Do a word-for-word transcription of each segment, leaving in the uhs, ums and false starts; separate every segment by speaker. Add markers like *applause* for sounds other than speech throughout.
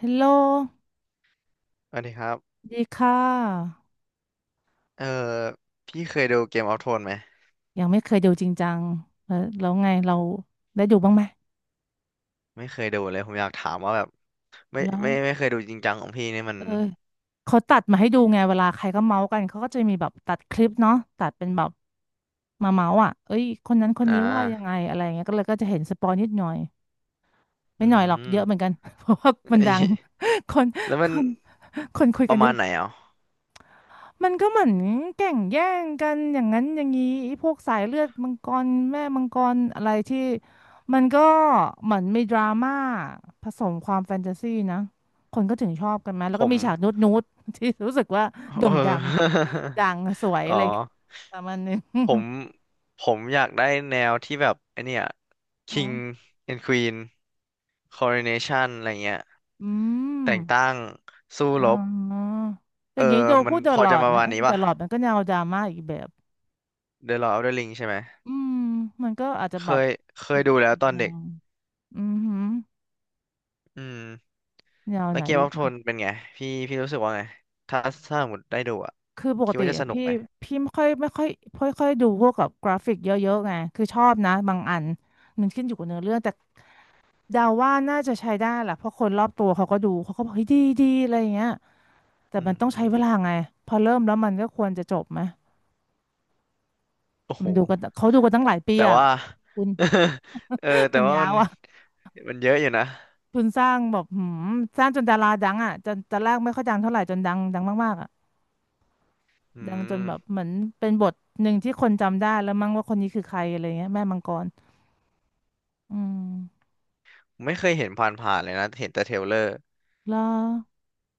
Speaker 1: ฮัลโหล
Speaker 2: สวัสดีครับ
Speaker 1: ดีค่ะ
Speaker 2: เออ พี่เคยดูเกมออฟโทนไหม
Speaker 1: ยังไม่เคยดูจริงจังแล้วแล้วไงเราได้ดูบ้างไหม
Speaker 2: ไม่เคยดูเลยผมอยากถามว่าแบบไม่
Speaker 1: แล้ว
Speaker 2: ไม่ไม่เคยดูจริงจังของพี่นี่มัน
Speaker 1: เออเขาตัดมาให้ดูไงเวลาใครก็เมาส์กันเขาก็จะมีแบบตัดคลิปเนาะตัดเป็นแบบมาเมาส์อ่ะเอ้ยคนนั้นคน
Speaker 2: อ่
Speaker 1: นี้ว่ายังไง
Speaker 2: า
Speaker 1: อะไรเงี้ยก็เลยก็จะเห็นสปอยนิดหน่อยไม่
Speaker 2: อื
Speaker 1: หน่อยหรอกเย
Speaker 2: ม
Speaker 1: อะเหมือนกัน *laughs* เพราะว่า
Speaker 2: *laughs*
Speaker 1: มัน
Speaker 2: เอ้
Speaker 1: ดั
Speaker 2: ย
Speaker 1: ง *laughs* คน
Speaker 2: แล้ว
Speaker 1: ค
Speaker 2: มัน
Speaker 1: นคนคุย
Speaker 2: ป
Speaker 1: กัน
Speaker 2: ระ
Speaker 1: เย
Speaker 2: มาณ
Speaker 1: อะ
Speaker 2: ไหนอ่ะ
Speaker 1: มันก็เหมือนแก่งแย่งกันอย่างนั้นอย่างนี้ไอ้พวกสายเลือดมังกรแม่มังกรอะไรที่มันก็เหมือนมีดราม่าผสมความแฟนตาซีนะคนก็ถึงชอบกันไหมแล้
Speaker 2: ผ
Speaker 1: วก็
Speaker 2: ม
Speaker 1: มีฉากนูดนูดที่รู้สึกว่าโด่
Speaker 2: เอ
Speaker 1: งดัง
Speaker 2: อ
Speaker 1: *laughs* ดังสวย
Speaker 2: *laughs*
Speaker 1: อะไร
Speaker 2: อ๋อ
Speaker 1: อย่างเงี้ยประมาณนึง
Speaker 2: ผ
Speaker 1: *laughs*
Speaker 2: มผมอยากได้แนวที่แบบไอเนี่ย
Speaker 1: อื
Speaker 2: King
Speaker 1: ม
Speaker 2: and Queen Coronation อะไรเงี้ย
Speaker 1: อ
Speaker 2: แต่ง
Speaker 1: ม
Speaker 2: ตั้งสู้
Speaker 1: อ๋
Speaker 2: รบ
Speaker 1: ออ
Speaker 2: เอ
Speaker 1: ย่า
Speaker 2: อ
Speaker 1: งนี้โด
Speaker 2: มั
Speaker 1: พู
Speaker 2: น
Speaker 1: ดเด
Speaker 2: พ
Speaker 1: อะ
Speaker 2: อ
Speaker 1: ลอ
Speaker 2: จะ
Speaker 1: ด
Speaker 2: ประ
Speaker 1: นะ
Speaker 2: มาณนี้
Speaker 1: เด
Speaker 2: ป่ะ
Speaker 1: อะลอดมันก็แนวดราม่าอีกแบบ
Speaker 2: The Lord of the Ring ใช่ไหม
Speaker 1: อืมมันก็อาจจะ
Speaker 2: เค
Speaker 1: แบบ
Speaker 2: ยเค
Speaker 1: อี
Speaker 2: ย
Speaker 1: ก
Speaker 2: ดูแล้ว
Speaker 1: อีก
Speaker 2: ตอน
Speaker 1: แน
Speaker 2: เด็ก
Speaker 1: วอือหือ
Speaker 2: อืม
Speaker 1: แนว
Speaker 2: แล้ว
Speaker 1: ไหน
Speaker 2: เกมอ
Speaker 1: อี
Speaker 2: อ
Speaker 1: ก
Speaker 2: ฟโท
Speaker 1: อะ
Speaker 2: นเป็นไง พี่พี่รู้สึกว่าไง ถ้าถ้าสมมติได้ดูอ่ะ
Speaker 1: คือปก
Speaker 2: คิด
Speaker 1: ติ
Speaker 2: ว่าจะส
Speaker 1: อะ
Speaker 2: นุก
Speaker 1: พี่
Speaker 2: ไหม
Speaker 1: พี่ไม่ค่อยไม่ค่อยไม่ค่อยดูพวกกับกราฟิกเยอะๆไง คือชอบนะบางอันมันขึ้นอยู่กับเนื้อเรื่องแต่เดาว่าน่าจะใช้ได้แหละเพราะคนรอบตัวเขาก็ดูเขาก็บอกเฮ้ยดีดีอะไรอย่างเงี้ยแต่
Speaker 2: อื
Speaker 1: มันต้องใช้เวลา
Speaker 2: ม
Speaker 1: ไงพอเริ่มแล้วมันก็ควรจะจบไหม
Speaker 2: โอ้โห
Speaker 1: มันดูกันเขาดูกันตั้งหลายปี
Speaker 2: แต่
Speaker 1: อ่ะ
Speaker 2: ว่า
Speaker 1: คุณ
Speaker 2: *laughs* เออ
Speaker 1: *laughs*
Speaker 2: แต่
Speaker 1: มัน
Speaker 2: ว่า
Speaker 1: ยา
Speaker 2: มั
Speaker 1: ว
Speaker 2: น
Speaker 1: อ่ะ
Speaker 2: มันเยอะอยู่นะ
Speaker 1: คุณสร้างแบบหืมสร้างจนดาราดังอ่ะจนตอนแรกไม่ค่อยดังเท่าไหร่จนดังดังมากๆอ่ะ
Speaker 2: อื
Speaker 1: ดังจน
Speaker 2: ม
Speaker 1: แบบเหมือนเป็นบทหนึ่งที่คนจำได้แล้วมั้งว่าคนนี้คือใครอะไรเงี้ยแม่มังกรอืม
Speaker 2: ไม่เคยเห็นผ่านๆเลยนะ เห็นแต่เทรลเลอร์
Speaker 1: แล้ว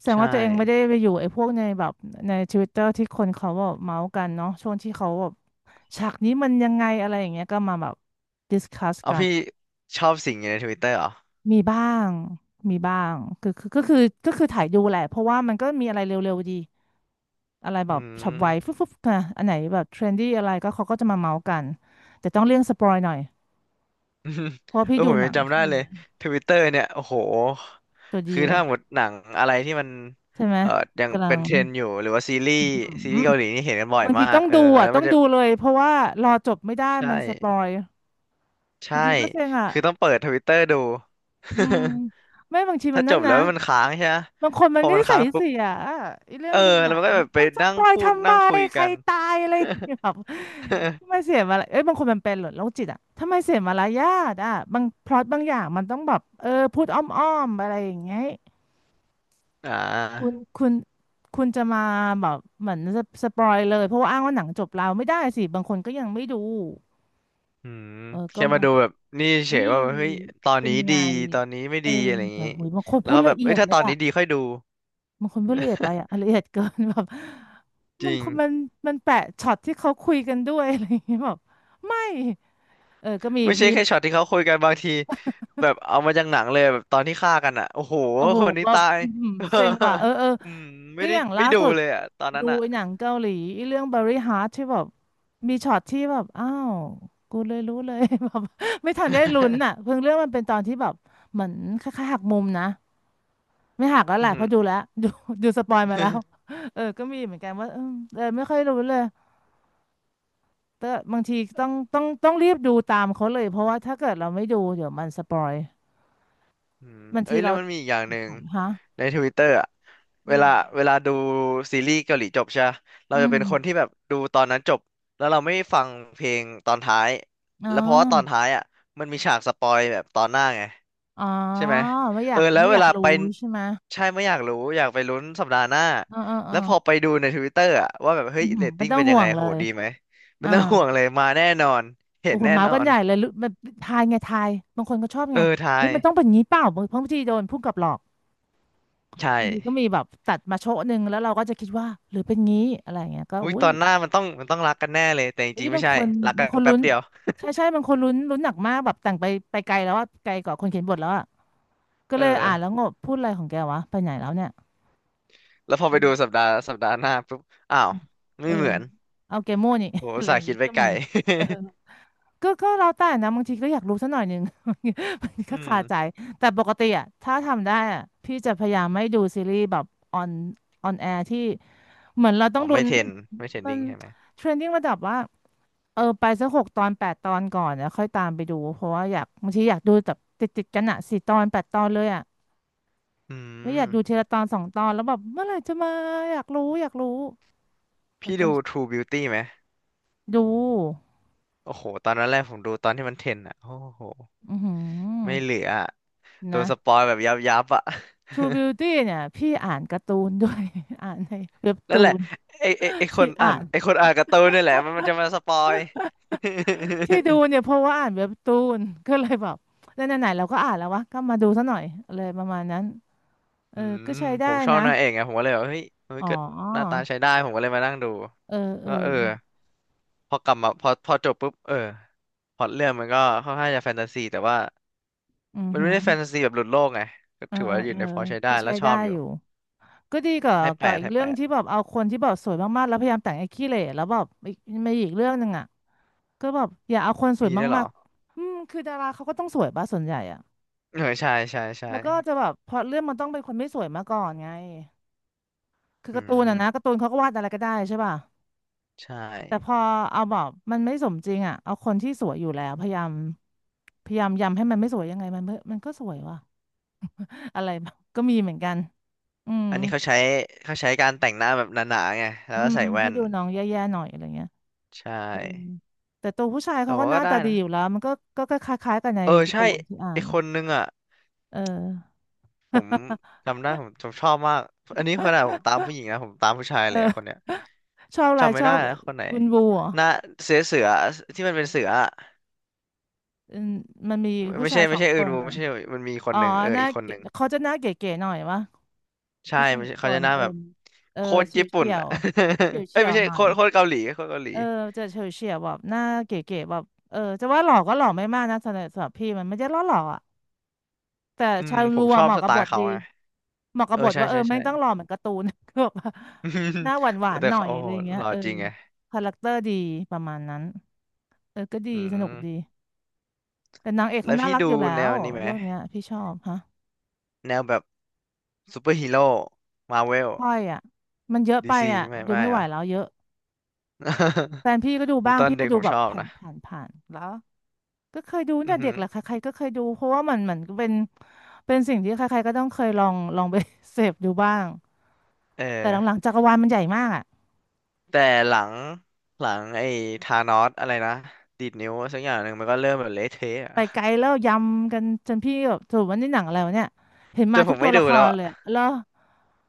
Speaker 1: แสดง
Speaker 2: ใช่
Speaker 1: ว่าตัวเองไม่ได้ไปอยู่ไอ้พวกในแบบในทวิตเตอร์ที่คนเขาแบบเมาส์กันเนาะช่วงที่เขาแบบฉากนี้มันยังไงอะไรอย่างเงี้ยก็มาแบบดิสคัส
Speaker 2: เอา
Speaker 1: กัน
Speaker 2: พี่ชอบสิ่งอยู่ในทวิตเตอร์เหรอ
Speaker 1: มีบ้างมีบ้างคือคือก็คือก็คือถ่ายดูแหละเพราะว่ามันก็มีอะไรเร็วๆดีอะไรแบ
Speaker 2: อื
Speaker 1: บฉับ
Speaker 2: ม
Speaker 1: ไวฟึบฟึบนะอันไหนแบบเทรนดี้อะไรก็เขาก็จะมาเมาส์กันแต่ต้องเลี่ยงสปอยหน่อย
Speaker 2: *laughs* อืม
Speaker 1: เพราะว่า
Speaker 2: เอ
Speaker 1: พี่
Speaker 2: อ
Speaker 1: ดู
Speaker 2: ผม
Speaker 1: ห
Speaker 2: ยั
Speaker 1: นั
Speaker 2: ง
Speaker 1: ง
Speaker 2: จำได้เลยทวิตเตอร์เนี่ยโอ้โห
Speaker 1: ตัวดี
Speaker 2: คือ
Speaker 1: เล
Speaker 2: ถ้า
Speaker 1: ย
Speaker 2: หมดหนังอะไรที่มัน
Speaker 1: ใช่ไหม
Speaker 2: เอ่อยัง
Speaker 1: กำลั
Speaker 2: เป็
Speaker 1: ง
Speaker 2: นเทรนด์อยู่หรือว่าซีรี
Speaker 1: อื
Speaker 2: ส์ซีรี
Speaker 1: ม
Speaker 2: ส์เกาหลีนี่เห็นกันบ่อย
Speaker 1: บางที
Speaker 2: มาก
Speaker 1: ต้อง
Speaker 2: เออ
Speaker 1: ดู
Speaker 2: แล้
Speaker 1: อ่ะ
Speaker 2: ว
Speaker 1: ต้
Speaker 2: มั
Speaker 1: อ
Speaker 2: น
Speaker 1: ง
Speaker 2: จะ
Speaker 1: ดูเลยเพราะว่ารอจบไม่ได้
Speaker 2: ใช่
Speaker 1: มันสปอยบา
Speaker 2: ใช่
Speaker 1: งทีก็เซ็งอ่ะ
Speaker 2: คือต้องเปิดทวิตเตอร์ดู
Speaker 1: อืม
Speaker 2: *laughs*
Speaker 1: ไม่บางทีมั
Speaker 2: ถ้า
Speaker 1: น
Speaker 2: จ
Speaker 1: นั่น
Speaker 2: บแล้
Speaker 1: นะ
Speaker 2: วมันค้างใช่ไหม
Speaker 1: บางคนมั
Speaker 2: พ
Speaker 1: น
Speaker 2: อ
Speaker 1: ก็
Speaker 2: มัน
Speaker 1: นิสั
Speaker 2: ค้า
Speaker 1: ย
Speaker 2: งปุ๊บ
Speaker 1: เสียอ่ะไอ้เรื่อง
Speaker 2: เอ
Speaker 1: ดู
Speaker 2: อ
Speaker 1: หนั
Speaker 2: แล้วมั
Speaker 1: ง
Speaker 2: นก็
Speaker 1: เนี่
Speaker 2: แบ
Speaker 1: ย
Speaker 2: บไป
Speaker 1: มันส
Speaker 2: นั่
Speaker 1: ป
Speaker 2: ง
Speaker 1: อย
Speaker 2: พูด
Speaker 1: ทำไม
Speaker 2: นั่งคุย
Speaker 1: ใคร
Speaker 2: กัน
Speaker 1: ตายอะไรอย่างเงี้ยแบบ
Speaker 2: *laughs*
Speaker 1: ทำไมเสียมาละเอ้ยบางคนมันเป็นเหรอโรคจิตอ่ะทำไมเสียมารยาทอ่ะบางพล็อตบางอย่างมันต้องแบบเออพูดอ้อมๆอะไรอย่างเงี้ย
Speaker 2: อ่
Speaker 1: คุณ
Speaker 2: า
Speaker 1: คุณคุณจะมาแบบเหมือนสสปอยเลยเพราะว่าอ้างว่าหนังจบแล้วไม่ได้สิบางคนก็ยังไม่ดู
Speaker 2: อืม
Speaker 1: เออก็
Speaker 2: แค่มา
Speaker 1: มัน
Speaker 2: ดูแบบนี่เฉ
Speaker 1: เอ้
Speaker 2: ย
Speaker 1: ย
Speaker 2: ว่าแบบเฮ้ยตอน
Speaker 1: เป็
Speaker 2: นี้
Speaker 1: นไง
Speaker 2: ดีตอนนี้ไม่
Speaker 1: เออ
Speaker 2: ดีอะไรอย่าง
Speaker 1: แต่
Speaker 2: นี้
Speaker 1: โหยบางคน
Speaker 2: แล้
Speaker 1: พู
Speaker 2: ว
Speaker 1: ด
Speaker 2: ก็แบ
Speaker 1: ละ
Speaker 2: บ
Speaker 1: เอี
Speaker 2: เอ้
Speaker 1: ย
Speaker 2: ย
Speaker 1: ด
Speaker 2: ถ้า
Speaker 1: เล
Speaker 2: ต
Speaker 1: ย
Speaker 2: อน
Speaker 1: อะ
Speaker 2: นี้ดีค่อยดู
Speaker 1: บางคนพูดละเอียดไปอะละเอียดเกิน *laughs* แบบ
Speaker 2: จ
Speaker 1: มัน
Speaker 2: ริง
Speaker 1: คนมันมันแปะช็อตที่เขาคุยกันด้วยอะไรอย่างเงี้ยแบบไม่เออก็มี
Speaker 2: ไม่ใช่
Speaker 1: มี
Speaker 2: แค่ช็อตที่เขาคุยกันบางทีแบบเอามาจากหนังเลยแบบตอนที่ฆ่ากันอ่ะโอ้โห
Speaker 1: โอ้โห
Speaker 2: คนนี้
Speaker 1: แบบ
Speaker 2: ตาย
Speaker 1: อื้อหือเซ็งว่ะเออเออ
Speaker 2: *laughs* อืมไม่
Speaker 1: ก็
Speaker 2: ได้
Speaker 1: อย่างล่า
Speaker 2: ไม่ดู
Speaker 1: สุด
Speaker 2: เลยอ่ะตอนนั้
Speaker 1: ดู
Speaker 2: นอ่ะ
Speaker 1: ไอ้หนังเกาหลีไอ้เรื่อง Berry Heart ที่แบบมีช็อตที่แบบอ้าวกูเลยรู้เลย *laughs* แบบไม่ทันได้ลุ้นอ่ะ
Speaker 2: *laughs*
Speaker 1: เพิ่งเรื่องมันเป็นตอนที่แบบเหมือนคล้ายๆหักมุมนะไม่หักแล้วแห
Speaker 2: อื
Speaker 1: ละ
Speaker 2: อ
Speaker 1: เพ
Speaker 2: หือ
Speaker 1: ราะดูแล้ว *laughs* ดูดูสปอยมาแล้ว
Speaker 2: *laughs*
Speaker 1: เออก็มีเหมือนกันว่าเออเออไม่ค่อยรู้เลยแต่บางทีต้องต้องต้องรีบดูตามเขาเลยเพราะว่าถ้าเกิดเราไม่ดูเดี๋ยวมันสปอย
Speaker 2: อืม
Speaker 1: บาง
Speaker 2: เอ้
Speaker 1: ที
Speaker 2: ยแล้
Speaker 1: เรา
Speaker 2: วมันมีอีกอย่าง
Speaker 1: ถ
Speaker 2: หนึ่ง
Speaker 1: อยๆฮะ
Speaker 2: ในทวิตเตอร์อะเว
Speaker 1: อืม
Speaker 2: ลาเวลาดูซีรีส์เกาหลีจบใช่ปะเรา
Speaker 1: อื
Speaker 2: จะ
Speaker 1: ม
Speaker 2: เป็นคนที่แบบดูตอนนั้นจบแล้วเราไม่ฟังเพลงตอนท้าย
Speaker 1: อ๋อ
Speaker 2: แล้วเพราะว่าตอนท้ายอ่ะมันมีฉากสปอยแบบตอนหน้าไง
Speaker 1: อ๋อ
Speaker 2: ใช่ไหม
Speaker 1: ไม่อ
Speaker 2: เอ
Speaker 1: ยา
Speaker 2: อ
Speaker 1: ก
Speaker 2: แล้ว
Speaker 1: ไม่อ
Speaker 2: เว
Speaker 1: ยาก
Speaker 2: ลา
Speaker 1: รู้
Speaker 2: ไป
Speaker 1: ใช่ไหม
Speaker 2: ใช่ไม่อยากรู้อยากไปลุ้นสัปดาห์หน้า
Speaker 1: เออเออเอ
Speaker 2: แล้
Speaker 1: อ
Speaker 2: วพอไปดูในทวิตเตอร์อ่ะว่าแบบเฮ้
Speaker 1: อื
Speaker 2: ย
Speaker 1: อหื
Speaker 2: เร
Speaker 1: อ
Speaker 2: ต
Speaker 1: ไม่
Speaker 2: ติ้ง
Speaker 1: ต้อง
Speaker 2: เป็นยั
Speaker 1: ห่
Speaker 2: ง
Speaker 1: ว
Speaker 2: ไง
Speaker 1: งเล
Speaker 2: โห
Speaker 1: ย
Speaker 2: ดีไหมไม่
Speaker 1: อ่า
Speaker 2: ต้องห่วงเลยมาแน่นอนเห็
Speaker 1: โอ้
Speaker 2: น
Speaker 1: โห
Speaker 2: แน่
Speaker 1: เมา
Speaker 2: น
Speaker 1: ส์
Speaker 2: อ
Speaker 1: กัน
Speaker 2: น
Speaker 1: ใหญ่เลยรู้มันทายไงทายบางคนก็ชอบ
Speaker 2: เอ
Speaker 1: ไง
Speaker 2: อทา
Speaker 1: นี่
Speaker 2: ย
Speaker 1: มันต้องเป็นงี้เปล่าบางบางทีโดนผู้กำกับหลอก
Speaker 2: ใช่
Speaker 1: บางทีก็มีแบบตัดมาโชะหนึ่งแล้วเราก็จะคิดว่าหรือเป็นงี้อะไรเงี้ยก็
Speaker 2: อุ้ย
Speaker 1: อุ้
Speaker 2: ต
Speaker 1: ย
Speaker 2: อนหน้ามันต้องมันต้องรักกันแน่เลยแต่จ
Speaker 1: อุ้ย
Speaker 2: ริงๆไม่
Speaker 1: บาง
Speaker 2: ใช่
Speaker 1: คน
Speaker 2: รัก
Speaker 1: บา
Speaker 2: กั
Speaker 1: งค
Speaker 2: น
Speaker 1: น
Speaker 2: แป๊
Speaker 1: ลุ้
Speaker 2: บ
Speaker 1: น
Speaker 2: เดียว
Speaker 1: ใช่ใช่บางคนลุ้นลุ้นหนักมากแบบแต่งไปไปไกลแล้วว่าไกลกว่าคนเขียนบทแล้วอะก็
Speaker 2: เออ
Speaker 1: เลยอ่านแล้วงงพูดอะไรของแกวะไปไหนแล้วเนี่ย
Speaker 2: แล้วพอไปดูสั
Speaker 1: เออ
Speaker 2: ปดาห์สัปดาห์หน้าปุ๊บ อ้าว
Speaker 1: เอ
Speaker 2: ไม่
Speaker 1: อ
Speaker 2: เหมือน
Speaker 1: เอาแกโม่นี่
Speaker 2: โห
Speaker 1: *laughs* อะ
Speaker 2: อุต
Speaker 1: ไร
Speaker 2: ส่า
Speaker 1: อย่า
Speaker 2: ห์
Speaker 1: ง
Speaker 2: คิ
Speaker 1: งี้
Speaker 2: ดไป
Speaker 1: ก็
Speaker 2: ไกล
Speaker 1: มีเออ ก็ก็แล้วแต่นะบางทีก็อยากรู้สักหน่อยหนึ่ง *laughs* มัน
Speaker 2: *laughs*
Speaker 1: ก็
Speaker 2: อืม
Speaker 1: คาใจแต่ปกติอะถ้าทำได้อะพี่จะพยายามไม่ดูซีรีส์แบบออนออนแอร์ที่เหมือนเราต้
Speaker 2: อ๋
Speaker 1: อ
Speaker 2: อ
Speaker 1: งลุ้
Speaker 2: ไม่
Speaker 1: น
Speaker 2: เทรนไม่เทรน
Speaker 1: มั
Speaker 2: ดิ้
Speaker 1: น
Speaker 2: งใช่ไหม
Speaker 1: เทรนดิ้งระดับว่าเออไปสักหกตอนแปดตอนก่อนแล้วค่อยตามไปดูเพราะว่าอยากบางทีอยากดูแบบติดติดกันอะสี่ตอนแปดตอนเลยอะ
Speaker 2: อื
Speaker 1: ไม่อ
Speaker 2: ม
Speaker 1: ยากดูทีละตอนสองตอนแล้วแบบเมื่อไหร่จะมาอยากรู้อยากรู้เออ
Speaker 2: พี่
Speaker 1: ก็
Speaker 2: ดู True Beauty ไหม
Speaker 1: ดู
Speaker 2: โอ้โห ตอนนั้นแรกผมดูตอนที่มันเทรนอ่ะโอ้โห
Speaker 1: อือหื
Speaker 2: ไม่
Speaker 1: อ
Speaker 2: เหลืออะโดนส
Speaker 1: นะ
Speaker 2: ปอยแบบยับยับอ่ะ
Speaker 1: ทรู บิวตี้ เนี่ยพี่อ่านการ์ตูน *laughs* ด้วย *laughs* อ่านในเว็บ
Speaker 2: *laughs* นั่
Speaker 1: ตู
Speaker 2: นแหละ
Speaker 1: น
Speaker 2: ไอไอไอค
Speaker 1: พี่
Speaker 2: นอ่า
Speaker 1: อ่า
Speaker 2: น
Speaker 1: น
Speaker 2: ไอคนอ่านการ์ตูนนี่แหละมันมันจะมาสปอย
Speaker 1: ที่ดูเนี่ยเพราะว่าอ่านเว็บตูนก็เลยแบบไหนๆเราก็อ่านแล้ววะก็มาดูซะหน่อยอะไรประมาณนั้น
Speaker 2: *laughs*
Speaker 1: เอ
Speaker 2: อื
Speaker 1: อก็
Speaker 2: ม
Speaker 1: ใช้
Speaker 2: ผ
Speaker 1: ได้
Speaker 2: มชอบ
Speaker 1: นะ
Speaker 2: นางเอกไงผมก็เลยแบบเฮ้ยเฮ้ย
Speaker 1: อ๋อ
Speaker 2: ก็หน้าตาใช้ได้ผมก็เลยมานั่งดู
Speaker 1: เออเออ
Speaker 2: ก็เออ พอกลับมาพอพอจบปุ๊บเออพล็อตเรื่องมันก็ค่อนข้างจะแฟนตาซีแต่ว่า
Speaker 1: อือ
Speaker 2: มัน
Speaker 1: หื
Speaker 2: ไม่
Speaker 1: อ
Speaker 2: ได้แฟนตาซีแบบหลุดโลกไงก็
Speaker 1: เออ
Speaker 2: ถือ
Speaker 1: เอ
Speaker 2: ว่า
Speaker 1: อ
Speaker 2: อ
Speaker 1: เอ
Speaker 2: ยู่
Speaker 1: อ
Speaker 2: ในพอใช้
Speaker 1: ก็
Speaker 2: ได้แล้
Speaker 1: ใช้
Speaker 2: วช
Speaker 1: ได้
Speaker 2: อบอ
Speaker 1: อ
Speaker 2: ยู่
Speaker 1: ยู่ก็ดีกว่า
Speaker 2: ให้แป
Speaker 1: ก่อ
Speaker 2: ด
Speaker 1: อีก
Speaker 2: ให้
Speaker 1: เรื่อ
Speaker 2: แป
Speaker 1: ง
Speaker 2: ด
Speaker 1: ที่แบบเอาคนที่แบบสวยมากๆแล้วพยายามแต่งไอ้ขี้เหร่แล้วแบบอีกมีอีกเรื่องหนึ่งอ่ะก็แบบอย่าเอาคนสวย
Speaker 2: มีได้วยเหร
Speaker 1: มาก
Speaker 2: อ
Speaker 1: ๆอืมคือดาราเขาก็ต้องสวยป่ะส่วนใหญ่อะ
Speaker 2: เออใช่ใช่ใช่
Speaker 1: แล้วก็จะแบบพอเรื่องมันต้องเป็นคนไม่สวยมาก่อนไงคือ
Speaker 2: อื
Speaker 1: การ์ตูน
Speaker 2: ม
Speaker 1: อะนะการ์ตูนเขาก็วาดอะไรก็ได้ใช่ป่ะ
Speaker 2: ใช่
Speaker 1: แต่พอเอาแบบมันไม่สมจริงอะเอาคนที่สวยอยู่แล้วพยายามพยายามยำให้มันไม่สวยยังไงมันไม่มันก็สวยว่ะ *laughs* อะไรแบบก็มีเหมือนกันอืม
Speaker 2: อันนี้เขาใช้เขาใช้การแต่งหน้าแบบหนาๆไงแล้ว
Speaker 1: อื
Speaker 2: ก็
Speaker 1: ม
Speaker 2: ใส่แว่
Speaker 1: ให้
Speaker 2: น
Speaker 1: ดูน้องแย่ๆหน่อยอะไรเงี้ย
Speaker 2: ใช่
Speaker 1: เออแต่ตัวผู้ชาย
Speaker 2: แต่
Speaker 1: เขาก็
Speaker 2: ว่า
Speaker 1: หน้า
Speaker 2: ก็
Speaker 1: ตา
Speaker 2: ได้
Speaker 1: ดี
Speaker 2: นะ
Speaker 1: อยู่แล้วมันก็ก็ก็คล้ายๆกันใน
Speaker 2: เออ
Speaker 1: การ์
Speaker 2: ใช่
Speaker 1: ตูนที่อ่า
Speaker 2: ไอ
Speaker 1: น
Speaker 2: คนนึงอ่ะ
Speaker 1: เออ
Speaker 2: ผมจำได้ผมผมชอบมากอันนี้ขนาดผมตามผู้หญิงนะผมตามผู้ชายเลยอะคน
Speaker 1: เออ
Speaker 2: เนี้ย
Speaker 1: ชอบอะไร
Speaker 2: จำไม่
Speaker 1: ชอ
Speaker 2: ได้
Speaker 1: บ
Speaker 2: แล้วคนไหน
Speaker 1: อุนบูเหรอ่ะ
Speaker 2: หน้าเสือเสือที่มันเป็นเสืออะ
Speaker 1: มันมีผู้
Speaker 2: ไม่
Speaker 1: ชา
Speaker 2: ใช่
Speaker 1: ยส
Speaker 2: ไม่
Speaker 1: อง
Speaker 2: ใช่
Speaker 1: ค
Speaker 2: อื่น
Speaker 1: น
Speaker 2: วู
Speaker 1: อะ
Speaker 2: ไม่ใช่มันมีคน
Speaker 1: อ๋อ
Speaker 2: หนึ่งเออ
Speaker 1: หน้า
Speaker 2: อีกคน
Speaker 1: เก๋
Speaker 2: หนึ่ง
Speaker 1: เขาจะหน้าเก๋ๆหน่อยวะ
Speaker 2: ใช่
Speaker 1: ผู้ชา
Speaker 2: ไม
Speaker 1: ย
Speaker 2: ใช่
Speaker 1: ค
Speaker 2: เขาจะ
Speaker 1: น
Speaker 2: หน้า
Speaker 1: เออ
Speaker 2: แบบ
Speaker 1: เออ
Speaker 2: โคตร
Speaker 1: เฉย
Speaker 2: ญี่
Speaker 1: ว
Speaker 2: ปุ่
Speaker 1: เฉี
Speaker 2: น
Speaker 1: ย
Speaker 2: อ่ะ
Speaker 1: วเฉยว
Speaker 2: *laughs* เอ้
Speaker 1: เฉี
Speaker 2: ย
Speaker 1: ย
Speaker 2: ไม่
Speaker 1: ว
Speaker 2: ใช่
Speaker 1: หน่อ
Speaker 2: โค
Speaker 1: ย
Speaker 2: ตรโคตรเกาหลีโคตรเกาหลี
Speaker 1: เออจะเฉยวเฉียวแบบหน้าเก๋ๆแบบเออจะว่าหล่อก็หล่อไม่มากนะสำหรับสำหรับพี่มันไม่ได้หล่อหล่ออ่ะแต่
Speaker 2: อืม
Speaker 1: ชา
Speaker 2: ผ
Speaker 1: ลู
Speaker 2: มช
Speaker 1: อะ
Speaker 2: อ
Speaker 1: เห
Speaker 2: บ
Speaker 1: มาะ
Speaker 2: ส
Speaker 1: กับ
Speaker 2: ไต
Speaker 1: บ
Speaker 2: ล์
Speaker 1: ท
Speaker 2: เขา
Speaker 1: ดี
Speaker 2: ไง
Speaker 1: เหมาะกั
Speaker 2: เอ
Speaker 1: บ
Speaker 2: อ
Speaker 1: บท
Speaker 2: ใช่
Speaker 1: ว่าเออ
Speaker 2: ใช่
Speaker 1: แม่
Speaker 2: ใช่
Speaker 1: งต้องหล่อเหมือนการ์ตูน *laughs* ก็แบบว่าหน้าห
Speaker 2: *laughs*
Speaker 1: วาน
Speaker 2: แต่
Speaker 1: ๆหน่อ
Speaker 2: เขา
Speaker 1: ย
Speaker 2: โอ้
Speaker 1: อะ
Speaker 2: โห
Speaker 1: ไรอย่างเงี้
Speaker 2: ห
Speaker 1: ย
Speaker 2: ล่อ
Speaker 1: เออ
Speaker 2: จริงไง
Speaker 1: คาแรคเตอร์ดีประมาณนั้นเออก็ดี
Speaker 2: อื
Speaker 1: สนุกดี
Speaker 2: ม
Speaker 1: แต่นางเอก
Speaker 2: แล้
Speaker 1: เขา
Speaker 2: ว
Speaker 1: น่า
Speaker 2: พี่
Speaker 1: รัก
Speaker 2: ดู
Speaker 1: อยู่แล้
Speaker 2: แน
Speaker 1: ว
Speaker 2: วนี้ไหม
Speaker 1: เรื่องเนี้ยพี่ชอบฮะ
Speaker 2: แนวแบบซูเปอร์ฮีโร่มาเวล
Speaker 1: ค่อยอ่ะมันเยอะ
Speaker 2: ดี
Speaker 1: ไป
Speaker 2: ซี
Speaker 1: อ่ะ
Speaker 2: ไม่
Speaker 1: ดู
Speaker 2: ไม่
Speaker 1: ไม่
Speaker 2: เห
Speaker 1: ไห
Speaker 2: ร
Speaker 1: ว
Speaker 2: อ
Speaker 1: แล้วเยอะแฟ
Speaker 2: *laughs*
Speaker 1: นพี่ก็ดู
Speaker 2: ผม
Speaker 1: บ้าง
Speaker 2: ตอน
Speaker 1: พี่ก็
Speaker 2: เด็ก
Speaker 1: ดู
Speaker 2: ผม
Speaker 1: แบ
Speaker 2: ช
Speaker 1: บ
Speaker 2: อบ
Speaker 1: ผ่าน
Speaker 2: นะ
Speaker 1: ผ่านผ่านแล้วก็เคยดู
Speaker 2: อื
Speaker 1: เนี่
Speaker 2: อ
Speaker 1: ย
Speaker 2: หื
Speaker 1: เด็ก
Speaker 2: อ
Speaker 1: แหละใครๆก็เคยดูเพราะว่ามันเหมือนเป็นเป็นสิ่งที่ใครๆก็ต้องเคยลองลองไป *laughs* เสพดูบ้าง
Speaker 2: เออ
Speaker 1: แต่หลังๆจักรวาลมันใหญ่มากอ่ะ
Speaker 2: แต่หลังหลังไอ้ธานอสอะไรนะดีดนิ้วสักอย่างหนึ่งมันก็เริ่มแบบเละเทะอะ
Speaker 1: ไปไกลแล้วยำกันจนพี่แบบสรุปว่านี่หนังอะไรวะเนี่ยเห็น
Speaker 2: จ
Speaker 1: มา
Speaker 2: นผ
Speaker 1: ทุก
Speaker 2: ม
Speaker 1: ตั
Speaker 2: ไม่
Speaker 1: ว
Speaker 2: ดู
Speaker 1: ละค
Speaker 2: แล้ว
Speaker 1: ร
Speaker 2: อะ
Speaker 1: เลยอะแล้ว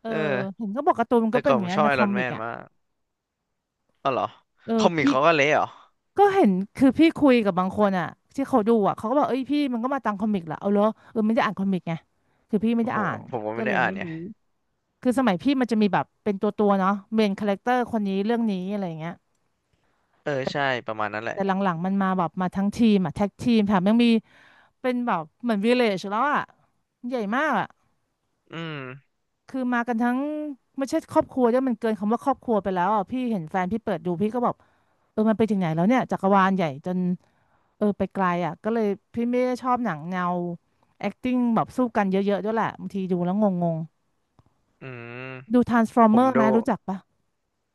Speaker 1: เออ
Speaker 2: เออ
Speaker 1: เห็นก็บอกการ์ตูนมัน
Speaker 2: แต่
Speaker 1: ก็เป็
Speaker 2: ก่
Speaker 1: น
Speaker 2: อ
Speaker 1: อ
Speaker 2: น
Speaker 1: ย่า
Speaker 2: ผ
Speaker 1: ง
Speaker 2: ม
Speaker 1: เงี้ย
Speaker 2: ชอ
Speaker 1: ใน
Speaker 2: บไอ
Speaker 1: ค
Speaker 2: ร
Speaker 1: อ
Speaker 2: อน
Speaker 1: มิ
Speaker 2: แม
Speaker 1: ก
Speaker 2: น
Speaker 1: อ่ะ
Speaker 2: มากอ๋อเหรอ
Speaker 1: เอ
Speaker 2: ค
Speaker 1: อ
Speaker 2: อมิก
Speaker 1: พี่
Speaker 2: เขาก็เละเหรอ
Speaker 1: ก็เห็นคือพี่คุยกับบางคนอ่ะที่เขาดูอ่ะเขาก็บอกเอ้ยพี่มันก็มาตามคอมิกเหรอเอาเหรอเออไม่ได้อ่านคอมิกไงคือพี่ไม่
Speaker 2: โอ้
Speaker 1: ได้
Speaker 2: โห
Speaker 1: อ่าน
Speaker 2: ผมก็
Speaker 1: ก็
Speaker 2: ไม่
Speaker 1: เล
Speaker 2: ได้
Speaker 1: ย
Speaker 2: อ่าน
Speaker 1: ไม่
Speaker 2: ไง
Speaker 1: รู้คือสมัยพี่มันจะมีแบบเป็นตัวตัวเนาะเมนคาแรคเตอร์คนนี้เรื่องนี้อะไรอย่างเงี้ย
Speaker 2: เออใช่ประมาณนั้นแหละ
Speaker 1: แต่หลังๆมันมาแบบมาทั้งทีมอ่ะแท็กทีมแถมยังมีเป็นแบบเหมือนวิลเลจแล้วอ่ะใหญ่มากอ่ะ
Speaker 2: อืม
Speaker 1: คือมากันทั้งไม่ใช่ครอบครัวด้วยมันเกินคำว่าครอบครัวไปแล้วอ่ะพี่เห็นแฟนพี่เปิดดูพี่ก็บอกเออมันไปถึงไหนแล้วเนี่ยจักรวาลใหญ่จน เออไปไกลอ่ะก็เลยพี่ไม่ได้ชอบหนังแนว acting แบบสู้กันเยอะๆด้วยแหละบางทีดูแล้วงง
Speaker 2: อืม
Speaker 1: ๆดู
Speaker 2: ผม
Speaker 1: ทรานส์ฟอร์เมอร์ ไห
Speaker 2: ดู
Speaker 1: มรู้จักปะ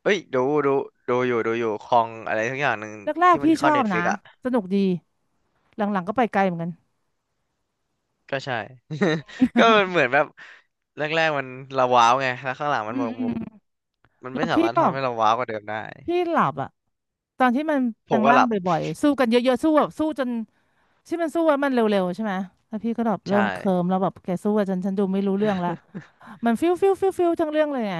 Speaker 2: เอ้ยดูดูดูอยู่ดูอยู่คองอะไรสักอย่างหนึ่ง
Speaker 1: แรก
Speaker 2: ที่
Speaker 1: ๆ
Speaker 2: มัน
Speaker 1: พี่ช
Speaker 2: เข้า
Speaker 1: อ
Speaker 2: เน็
Speaker 1: บ
Speaker 2: ตฟิ
Speaker 1: นะ
Speaker 2: กอะ
Speaker 1: สนุกดีหลังๆก็ไปไกลเหมือนกัน
Speaker 2: ก็ใช่ *laughs* ก็มันเหมือนแบบแรกๆมันเราว้าวไงแล้วข้างหลังมั
Speaker 1: อื
Speaker 2: นหม
Speaker 1: ม
Speaker 2: ด
Speaker 1: อื
Speaker 2: มุก
Speaker 1: ม
Speaker 2: มัน
Speaker 1: แล้
Speaker 2: ไม่
Speaker 1: ว
Speaker 2: สา
Speaker 1: พี่
Speaker 2: มารถ
Speaker 1: ก็
Speaker 2: ทำให้เราว้าวกว่าเดิมได้
Speaker 1: พี่หลับอ่ะตอนที่มัน
Speaker 2: ผ
Speaker 1: แปล
Speaker 2: ม
Speaker 1: ง
Speaker 2: ก็
Speaker 1: ร่า
Speaker 2: ห
Speaker 1: ง
Speaker 2: ลับ
Speaker 1: บ่อยๆสู้กันเยอะๆสู้แบบสู้จนที่มันสู้แล้วมันเร็วๆใช่ไหมแล้วพี่ก็แบบเริ่
Speaker 2: ใช่
Speaker 1: มเคลิ้มแล้วแบบแกสู้อะฉันฉันดูไม่รู้เรื่องละ
Speaker 2: *laughs*
Speaker 1: มันฟิวฟิวฟิวฟิวทั้งเรื่องเลยไง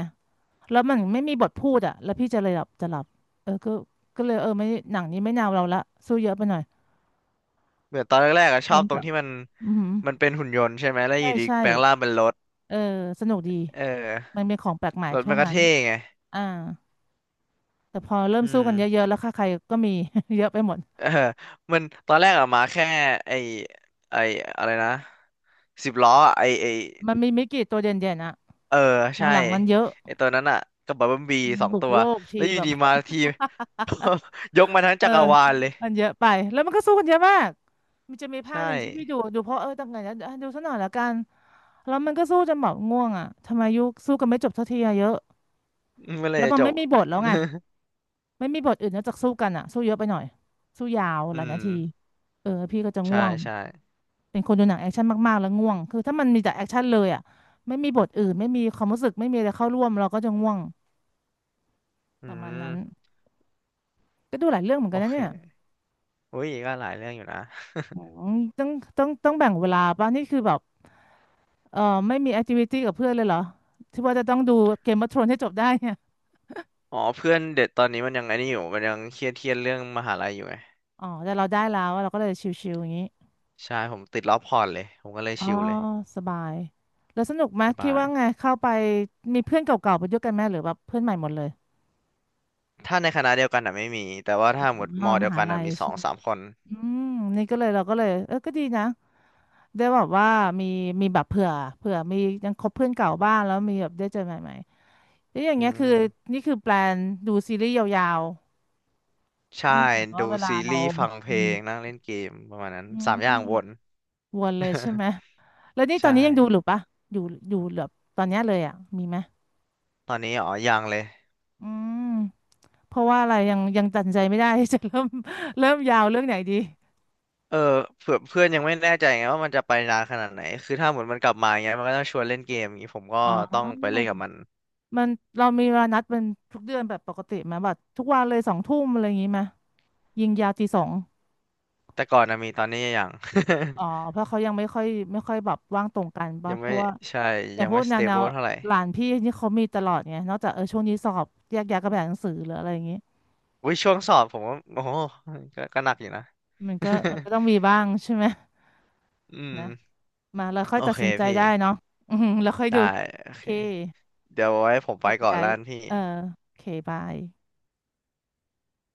Speaker 1: แล้วมันไม่มีบทพูดอ่ะแล้วพี่จะเลยหลับจะหลับเออก็ก็เลยเออไม่หนังนี้ไม่แนวเราละสู้เยอะไปหน่อย
Speaker 2: เหมือนตอนแรกๆอะชอ
Speaker 1: เน้
Speaker 2: บ
Speaker 1: น
Speaker 2: ตรง
Speaker 1: กับ
Speaker 2: ที่มัน
Speaker 1: อือหือ
Speaker 2: มันเป็นหุ่นยนต์ใช่ไหมแล้วอ
Speaker 1: ใช่
Speaker 2: ยู่ดี
Speaker 1: ใช่
Speaker 2: แปลงร่างเป็นรถ
Speaker 1: เออสนุกดี
Speaker 2: เออ
Speaker 1: มันเป็นของแปลกใหม่
Speaker 2: รถ
Speaker 1: ช่
Speaker 2: มั
Speaker 1: วง
Speaker 2: นก็
Speaker 1: นั้น
Speaker 2: เท่ไง
Speaker 1: อ่าแต่พอเริ่ม
Speaker 2: อื
Speaker 1: สู้
Speaker 2: ม
Speaker 1: กันเยอะๆแล้วค่าใครก็มี *laughs* เยอะไปหมด
Speaker 2: เออมันตอนแรกอะมาแค่ไอไออะไรนะสิบล้ออะไอไอ
Speaker 1: มันมีไม่กี่ตัวเด่นๆอ่ะ
Speaker 2: เออใช่
Speaker 1: หลังๆมันเยอะ
Speaker 2: ไอตัวนั้นอะกับบับเบิ้ลบีสอง
Speaker 1: บุก
Speaker 2: ตัว
Speaker 1: โลก
Speaker 2: แล้
Speaker 1: ที
Speaker 2: วอยู่
Speaker 1: แบบ
Speaker 2: ดีมาที *laughs* ยกมาทั้ง
Speaker 1: เอ
Speaker 2: จั
Speaker 1: อ
Speaker 2: กรวาลเลย
Speaker 1: มันเยอะไปแล้วมันก็สู้กันเยอะมากมันจะมีภาค
Speaker 2: ใช่
Speaker 1: หนึ่งที่พี่ดูดูเพราะเออตั้งไงนะอ่ะดูซะหน่อยละกันแล้วมันก็สู้จนแบบง่วงอ่ะทำไมยุคสู้กันไม่จบสักทีอะเยอะ
Speaker 2: อืมเมื่อไหร
Speaker 1: แล้ว
Speaker 2: จะ
Speaker 1: มัน
Speaker 2: จ
Speaker 1: ไม่
Speaker 2: บ
Speaker 1: มีบทแล้วไงไม่มีบทอื่นนอกจากสู้กันอ่ะสู้เยอะไปหน่อยสู้ยาว
Speaker 2: *laughs*
Speaker 1: ห
Speaker 2: อื
Speaker 1: ลายนา
Speaker 2: ม
Speaker 1: ทีเออพี่ก็จะ
Speaker 2: ใช่
Speaker 1: ง่วง
Speaker 2: ใช่
Speaker 1: เป็นคนดูหนังแอคชั่นมากๆแล้วง่วงคือถ้ามันมีแต่แอคชั่นเลยอ่ะไม่มีบทอื่นไม่มีความรู้สึกไม่มีอะไรเข้าร่วมเราก็จะง่วง
Speaker 2: อื
Speaker 1: ประมาณนั้น
Speaker 2: ม
Speaker 1: ก็ดูหลายเรื่องเหมือน
Speaker 2: โอ
Speaker 1: กันนะ
Speaker 2: เค
Speaker 1: เนี่ย
Speaker 2: อุ้ยก็หลายเรื่องอยู่นะ
Speaker 1: อืมต้องต้องต้องแบ่งเวลาป่ะนี่คือแบบ เออไม่มีแอคทิวิตี้กับเพื่อนเลยเหรอที่ว่าจะต้องดูเกม of ทรอนให้จบได้เนี่ย
Speaker 2: อ๋อเพื่อนเด็ดตอนนี้มันยังไอ้นี่อยู่มันยังเครียดเครียดเรื่องมหาลัยอยู่ไง
Speaker 1: อ๋อแต่เราได้แล้วเราก็เลยชิลๆอย่างนี้
Speaker 2: ใช่ผมติดรอบพอร์ตเลยผมก็เลย
Speaker 1: อ๋อ
Speaker 2: ชิลเลย
Speaker 1: สบายแล้วสนุกไหม
Speaker 2: ส
Speaker 1: คิด
Speaker 2: บาย
Speaker 1: ว่าไงเข้าไปมีเพื่อนเก่าๆไปด้วยกันไหมหรือแบบเพื่อนใหม่หมดเลย
Speaker 2: ถ้าในคณะเดียวกันอ่ะไม่มีแต่ว่า
Speaker 1: อ
Speaker 2: ถ้าหมด
Speaker 1: ๋
Speaker 2: ม
Speaker 1: อ
Speaker 2: อ
Speaker 1: ม
Speaker 2: เดียว
Speaker 1: หา
Speaker 2: กัน
Speaker 1: ลั
Speaker 2: อ่ะ
Speaker 1: ย
Speaker 2: มีสอ
Speaker 1: ใช่
Speaker 2: ง
Speaker 1: ไหม
Speaker 2: สามคน
Speaker 1: อืมนี่ก็เลยเราก็เลยเออก็ดีนะได้แบบว่ามีมีแบบเผื่อเผื่อมียังคบเพื่อนเก่าบ้างแล้วมีแบบได้เจอใหม่ๆแล้วอย่าง
Speaker 2: อื
Speaker 1: เงี้ยคือ
Speaker 2: ม
Speaker 1: นี่คือแปลนดูซีรีส์ยาวๆ
Speaker 2: ใช่
Speaker 1: เนื่องจากว่า
Speaker 2: ดู
Speaker 1: เวลา
Speaker 2: ซี
Speaker 1: เรา
Speaker 2: รีส์ฟังเพล
Speaker 1: มี
Speaker 2: งนั่งเล่นเกมประมาณนั้น
Speaker 1: อื
Speaker 2: สา
Speaker 1: ม
Speaker 2: มอย่างวน
Speaker 1: วนเลยใช่ไหม แล้วนี่
Speaker 2: *laughs*
Speaker 1: ตอ
Speaker 2: ใช่
Speaker 1: นนี้ยังดูหรือปะอยู่อยู่แบบตอนเนี้ยเลยอ่ะมีไหม
Speaker 2: ตอนนี้อ๋อยังเลย
Speaker 1: อืมเพราะว่าอะไรยังยังตัดสินใจไม่ได้ *laughs* จะเริ่ม *laughs* เริ่มยาวเรื่องไหนดี
Speaker 2: เออเผื่อเพื่อนยังไม่แน่ใจไงว่ามันจะไปนานขนาดไหนคือถ้าหมดมันกลับมาอย่างเงี้ยมันก็ต้องชวนเล่นเกมอย่างงี้ผมก็
Speaker 1: อ๋
Speaker 2: ต้องไป
Speaker 1: อ
Speaker 2: เล่นกับมัน
Speaker 1: มันเรามีเวลานัดเป็นทุกเดือนแบบปกติไหมแบบทุกวันเลยสองทุ่มอะไรอย่างงี้ไหมยิงยาวตีสอง
Speaker 2: แต่ก่อนนะมีตอนนี้ยัง
Speaker 1: อ๋อ
Speaker 2: *laughs*
Speaker 1: เพราะเขายังไม่ค่อยไม่ค่อยแบบว่างตรงกันปะ
Speaker 2: ยัง
Speaker 1: เพ
Speaker 2: ไม่
Speaker 1: ราะว่า
Speaker 2: ใช่
Speaker 1: อย่า
Speaker 2: ยั
Speaker 1: ง
Speaker 2: ง
Speaker 1: พว
Speaker 2: ไม่
Speaker 1: กแน
Speaker 2: ส
Speaker 1: ว
Speaker 2: เต
Speaker 1: แน
Speaker 2: เบิ
Speaker 1: ว
Speaker 2: ลเท่าไหร่
Speaker 1: หลานพี่นี่เขามีตลอดไง นอกจากเออช่วงนี้สอบแยกย้ายกันไปอ่านหนังสือหรืออะไรอย่างงี้
Speaker 2: อุ้ยช่วงสอบผมก็โอ้โหก็ก็หนักอยู่นะ
Speaker 1: มันก็มั
Speaker 2: *laughs*
Speaker 1: นก็ต้องมีบ้างใช่ไหม
Speaker 2: อื
Speaker 1: นะ
Speaker 2: ม
Speaker 1: มาเราค่อย
Speaker 2: โอ
Speaker 1: ตัด
Speaker 2: เค
Speaker 1: สินใจ
Speaker 2: พี่
Speaker 1: ได้เนาะอือหือแล้วค่อย
Speaker 2: ได้
Speaker 1: ดู
Speaker 2: โอ
Speaker 1: โอ
Speaker 2: เค
Speaker 1: เค
Speaker 2: เดี๋ยวไว้ผมไป
Speaker 1: ยัก
Speaker 2: ก่อน
Speaker 1: ย้า
Speaker 2: แล้
Speaker 1: ย
Speaker 2: วกันพี่
Speaker 1: เออโอเคบาย